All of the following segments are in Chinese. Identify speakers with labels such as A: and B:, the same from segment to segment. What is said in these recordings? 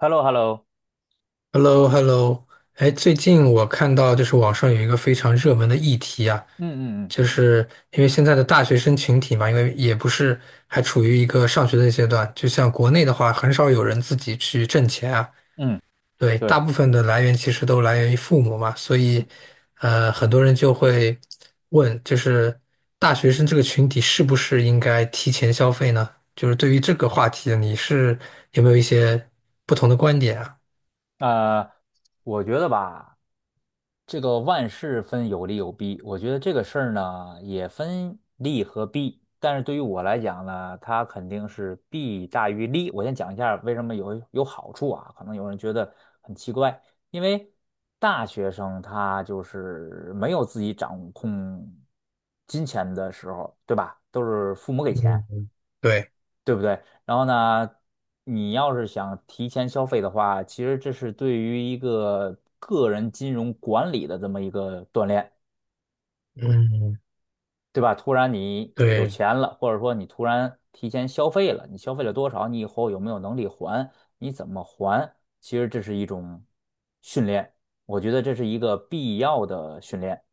A: Hello，Hello。
B: hello hello 哎，
A: 嗯
B: 最近我看到就是网上有一个非常热门的议题啊，
A: 嗯嗯
B: 就是因为现在的大学生群体嘛，因为也不是还处于一个上学的阶段，就像国内的话，很少有人自己去挣钱啊，
A: 嗯嗯，
B: 对，大
A: 对，
B: 部分的来源其实都来源于父母嘛，所以
A: 嗯。
B: 很多人就会问，就是大学生这个群体是不是应该提前消费呢？就是对于这个话题，你是有没有一些不同的观点啊？
A: 呃，我觉得吧，这个万事分有利有弊，我觉得这个事儿呢也分利和弊，但是对于我来讲呢，它肯定是弊大于利。我先讲一下为什么有好处啊，可能有人觉得很奇怪，因为大学生他就是没有自己掌控金钱的时候，对吧？都是父母给钱。
B: 嗯，对。
A: 对不对？然后呢，你要是想提前消费的话，其实这是对于一个个人金融管理的这么一个锻炼，
B: 嗯，
A: 对吧？突然你有
B: 对，
A: 钱了，或者说你突然提前消费了，你消费了多少？你以后有没有能力还？你怎么还？其实这是一种训练，我觉得这是一个必要的训练。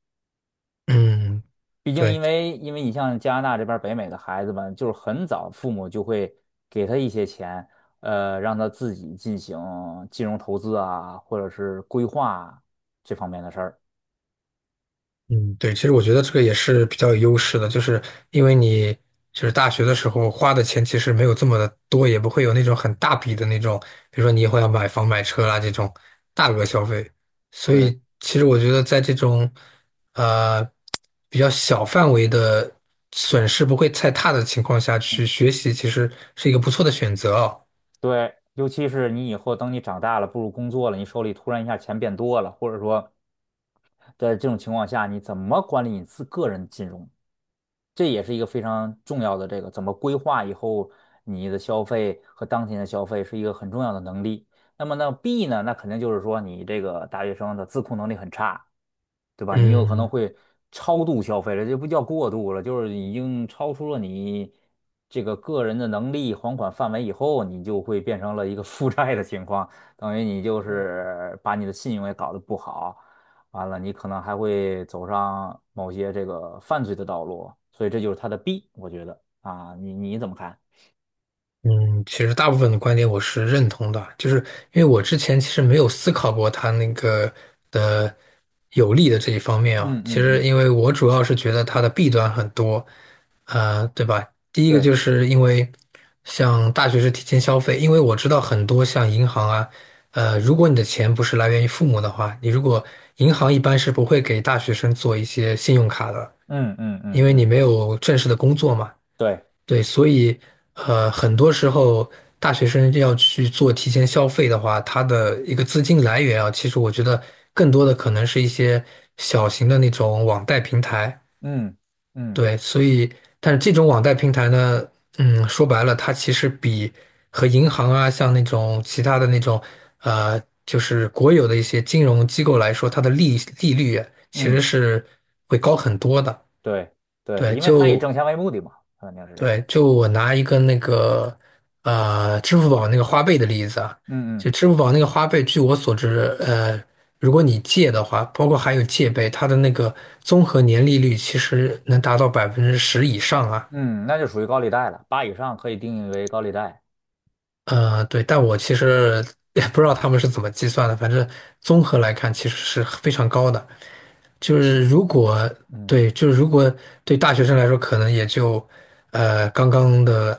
B: 嗯，
A: 毕竟，因
B: 对，
A: 为因为你像加拿大这边儿北美的孩子们，就是很早父母就会给他一些钱，让他自己进行金融投资啊，或者是规划这方面的事儿。
B: 嗯，对，其实我觉得这个也是比较有优势的，就是因为你就是大学的时候花的钱其实没有这么的多，也不会有那种很大笔的那种，比如说你以后要买房买车啦这种大额消费，所
A: 对
B: 以其实我觉得在这种呃比较小范围的损失不会太大的情况下去学习，其实是一个不错的选择啊。
A: 对，尤其是你以后等你长大了，步入工作了，你手里突然一下钱变多了，或者说在这种情况下，你怎么管理你自个人金融？这也是一个非常重要的这个怎么规划以后你的消费和当前的消费是一个很重要的能力。那么呢，B 呢，那肯定就是说你这个大学生的自控能力很差，对吧？你有可能
B: 嗯
A: 会超度消费了，这不叫过度了，就是已经超出了你这个个人的能力还款范围以后，你就会变成了一个负债的情况，等于你就是把你的信用也搞得不好。完了你可能还会走上某些这个犯罪的道路，所以这就是它的弊，我觉得啊，你怎么看？
B: 嗯，其实大部分的观点我是认同的，就是因为我之前其实没有思考过它那个的有利的这一方面啊。
A: 嗯
B: 其
A: 嗯
B: 实
A: 嗯，
B: 因为我主要是觉得它的弊端很多，对吧？第一个
A: 对，
B: 就是因为像大学是提前消费，因为我知道很多像银行啊，如果你的钱不是来源于父母的话，你如果银行一般是不会给大学生做一些信用卡的，
A: 嗯嗯
B: 因
A: 嗯
B: 为你
A: 嗯，
B: 没有正式的工作嘛。
A: 对，
B: 对，所以很多时候大学生要去做提前消费的话，它的一个资金来源啊，其实我觉得更多的可能是一些小型的那种网贷平台。
A: 嗯嗯
B: 对，所以但是这种网贷平台呢，说白了，它其实比和银行啊，像那种其他的那种就是国有的一些金融机构来说，它的利率啊其实
A: 嗯，
B: 是会高很多的。
A: 对对，
B: 对，
A: 因为他以
B: 就
A: 挣钱为目的嘛，他肯定是这样的。
B: 我拿一个那个支付宝那个花呗的例子啊，
A: 嗯嗯
B: 就支付宝那个花呗，据我所知，如果你借的话，包括还有借呗，它的那个综合年利率其实能达到百分之十以上啊。
A: 嗯，那就属于高利贷了，8以上可以定义为高利贷。
B: 对，但我其实 也不知道他们是怎么计算的，反正综合来看其实是非常高的。就是
A: 七，
B: 如果
A: 嗯，
B: 对，就是如果对大学生来说，可能也就呃刚刚的，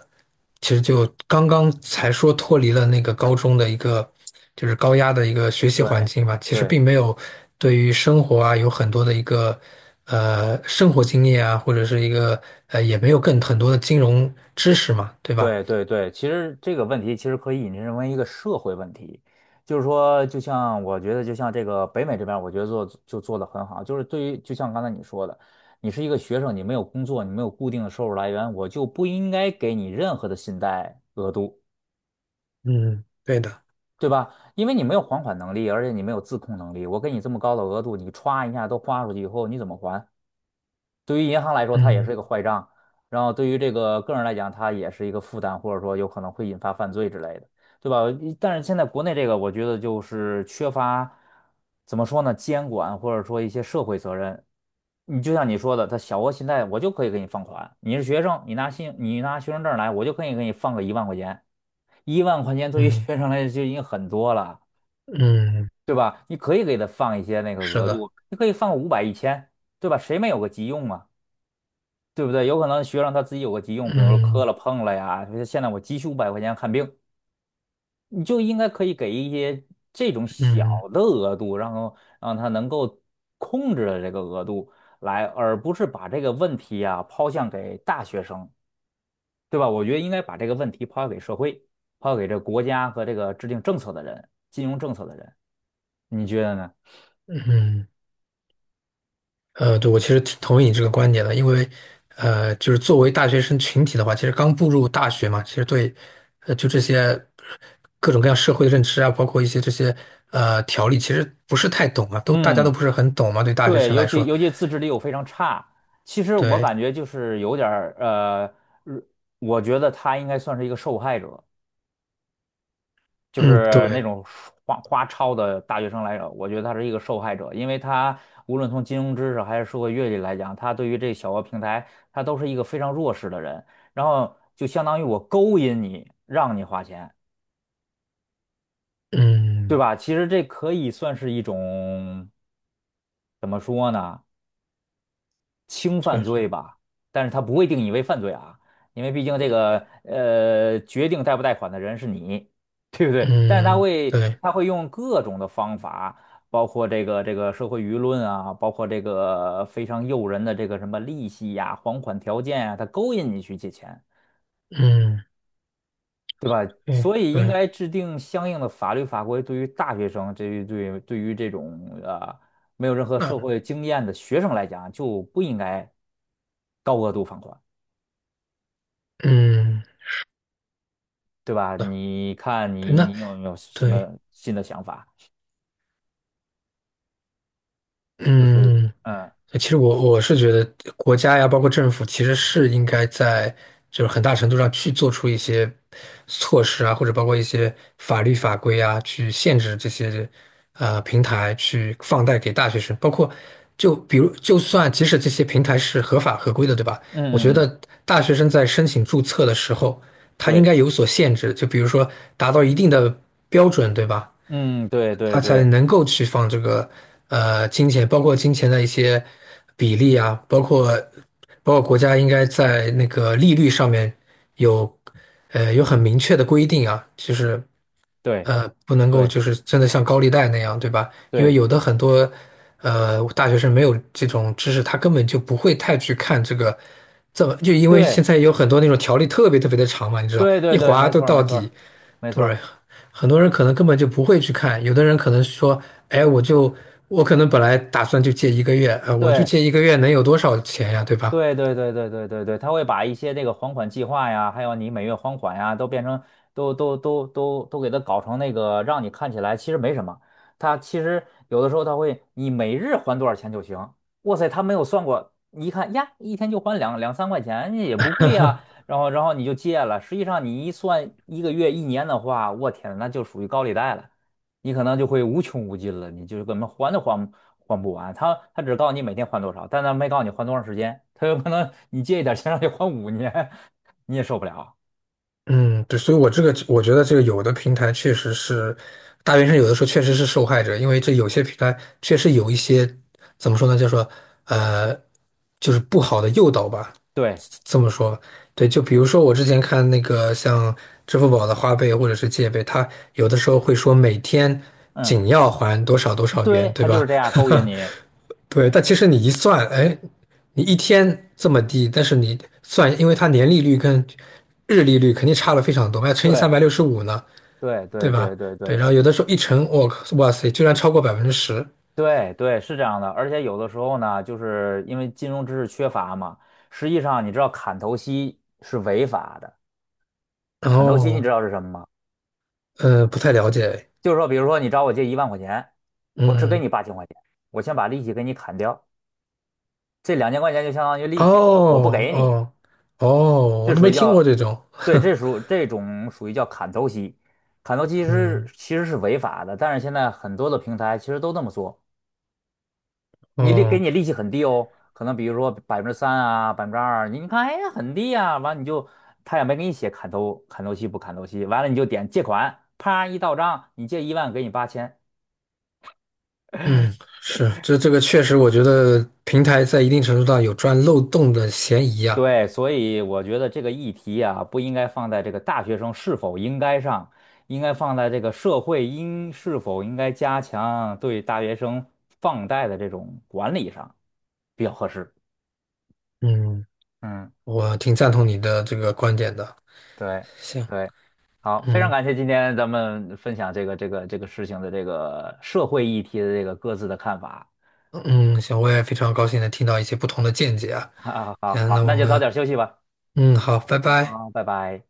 B: 其实就刚刚才说脱离了那个高中的一个就是高压的一个学习环
A: 对
B: 境吧，其实
A: 对
B: 并没有对于生活啊有很多的一个生活经验啊，或者是也没有更很多的金融知识嘛，对吧？
A: 对对对，其实这个问题其实可以引申为一个社会问题，就是说，就像我觉得，就像这个北美这边儿我觉得做就做得很好，就是对于就像刚才你说的，你是一个学生，你没有工作，你没有固定的收入来源，我就不应该给你任何的信贷额度，
B: 嗯，对的。
A: 对吧？因为你没有还款能力，而且你没有自控能力，我给你这么高的额度，你歘一下都花出去以后，你怎么还？对于银行来说，它也是
B: 嗯
A: 一个坏账，然后对于这个个人来讲，它也是一个负担，或者说有可能会引发犯罪之类的，对吧？但是现在国内这个，我觉得就是缺乏，怎么说呢，监管或者说一些社会责任。你就像你说的，他小额信贷我就可以给你放款，你是学生，你拿学生证来，我就可以给你放个一万块钱，一万块钱对于
B: 嗯
A: 学生来说就已经很多了，
B: 嗯，
A: 对吧？你可以给他放一些那个
B: 是
A: 额
B: 的，
A: 度，你可以放个500、1000，1000对吧？谁没有个急用啊？对不对？有可能学生他自己有个急用，比如说磕
B: 嗯
A: 了碰了呀，就是现在我急需500块钱看病，你就应该可以给一些这种小
B: 嗯
A: 的额度，然后让他能够控制的这个额度来，而不是把这个问题啊抛向给大学生，对吧？我觉得应该把这个问题抛向给社会，抛向给这国家和这个制定政策的人，金融政策的人，你觉得呢？
B: 嗯。对，我其实挺同意你这个观点的，因为，就是作为大学生群体的话，其实刚步入大学嘛，其实对，就这些各种各样社会的认知啊，包括一些这些条例，其实不是太懂啊，大家都
A: 嗯。
B: 不是很懂嘛，对大学
A: 对，
B: 生
A: 尤
B: 来
A: 其
B: 说，
A: 尤其自制力又非常差。其实我
B: 对，
A: 感觉就是有点儿如我觉得他应该算是一个受害者，就
B: 嗯，
A: 是那
B: 对，
A: 种花超的大学生来着，我觉得他是一个受害者，因为他无论从金融知识还是社会阅历来讲，他对于这小额平台，他都是一个非常弱势的人。然后就相当于我勾引你，让你花钱，对
B: 嗯，
A: 吧？其实这可以算是一种怎么说呢？轻犯
B: 确实，
A: 罪吧，但是他不会定义为犯罪啊，因为毕竟这个决定贷不贷款的人是你，对不对？但是他
B: 嗯，
A: 会
B: 对，
A: 他会用各种的方法，包括这个社会舆论啊，包括这个非常诱人的这个什么利息呀、还款条件啊，他勾引你去借钱，
B: 嗯，
A: 对吧？
B: 对，
A: 所以应
B: 对，
A: 该制定相应的法律法规，对于大学生，这于对对于这种没有任何社
B: 那，
A: 会经验的学生来讲，就不应该高额度放款。
B: 嗯，
A: 对吧？你看
B: 对，
A: 你
B: 那，
A: 你有没有什
B: 对，
A: 么新的想法？就是
B: 嗯。
A: 嗯。
B: 哎其实我是觉得国家呀，包括政府，其实是应该在就是很大程度上去做出一些措施啊，或者包括一些法律法规啊，去限制这些平台去放贷给大学生。包括就比如，就算即使这些平台是合法合规的，对吧？
A: 嗯
B: 我觉
A: 嗯嗯，
B: 得大学生在申请注册的时候，他应该
A: 对，
B: 有所限制，就比如说达到一定的标准，对吧？
A: 嗯对对
B: 他才
A: 对
B: 能够去放这个金钱，包括金钱的一些比例啊，包括国家应该在那个利率上面有有很明确的规定啊，就是
A: 对
B: 不能够
A: 对
B: 就是真的像高利贷那样，对吧？因为
A: 对
B: 有的很多大学生没有这种知识，他根本就不会太去看这个。这么就因为现
A: 对
B: 在有很多那种条例特别特别的长嘛，你知道，
A: 对对
B: 一
A: 对，
B: 划
A: 没
B: 都
A: 错儿没
B: 到
A: 错
B: 底，
A: 儿没错
B: 对，
A: 儿。
B: 很多人可能根本就不会去看，有的人可能说，哎，我可能本来打算就借一个月，我就
A: 对。
B: 借一个月能有多少钱呀，对吧？
A: 对对对对对对对，他会把一些这个还款计划呀，还有你每月还款呀，都变成都给它搞成那个，让你看起来其实没什么。他其实有的时候他会，你每日还多少钱就行。哇塞，他没有算过，你一看呀，一天就还两三块钱，也不贵呀。然后你就借了，实际上你一算一个月一年的话，我天，那就属于高利贷了。你可能就会无穷无尽了，你就是根本还都还不完。他只告诉你每天还多少，但他没告诉你还多长时间。他有可能你借一点钱让你还5年，你也受不了。
B: 嗯，对，所以我觉得这个有的平台确实是大学生，有的时候确实是受害者，因为这有些平台确实有一些怎么说呢，叫做呃，就是不好的诱导吧，
A: 对，
B: 这么说，对，就比如说我之前看那个像支付宝的花呗或者是借呗，它有的时候会说每天
A: 嗯，
B: 仅要还多少多少元，
A: 对，
B: 对
A: 他就
B: 吧？
A: 是这样 勾引你。
B: 对，但其实你一算，哎，你一天这么低，但是你算，因为它年利率跟日利率肯定差了非常多，还要乘以
A: 对，
B: 365呢，
A: 对，
B: 对
A: 对，
B: 吧？
A: 对，对，
B: 对，
A: 对，
B: 然后有的时候一乘，我靠，哇塞，居然超过百分之十。
A: 对，对，是这样的。而且有的时候呢，就是因为金融知识缺乏嘛，实际上你知道砍头息是违法的。砍头息你知
B: 哦，
A: 道是什么吗？
B: 不太了解，
A: 就是说，比如说你找我借一万块钱，我只
B: 嗯，
A: 给
B: 嗯
A: 你8000块钱，我先把利息给你砍掉。这2000块钱就相当于利息，我不
B: 哦
A: 给你，
B: 哦哦，
A: 这
B: 我都
A: 属
B: 没
A: 于
B: 听过
A: 叫，
B: 这种。
A: 对，这 属这种属于叫砍头息，砍头息是
B: 嗯，
A: 其实是违法的，但是现在很多的平台其实都这么做，你利给
B: 哦，
A: 你利息很低哦，可能比如说3%啊，2%，你看哎呀很低啊，完你就他也没给你写砍头息不砍头息，完了你就点借款，啪一到账，你借一万给你八千，
B: 嗯，是，这个确实，我觉得平台在一定程度上有钻漏洞的嫌疑啊。
A: 对，所以我觉得这个议题啊，不应该放在这个大学生是否应该上，应该放在这个社会应是否应该加强对大学生放贷的这种管理上比较合适。
B: 嗯，
A: 嗯，
B: 我挺赞同你的这个观点的。
A: 对
B: 行，
A: 对，好，非常
B: 嗯
A: 感谢今天咱们分享这个事情的这个社会议题的这个各自的看法。
B: 嗯，行，我也非常高兴能听到一些不同的见解啊。
A: 好好
B: 行，
A: 好，
B: 那
A: 那
B: 我
A: 就早
B: 们，
A: 点休息吧。
B: 嗯，好，拜拜。
A: 好，拜拜。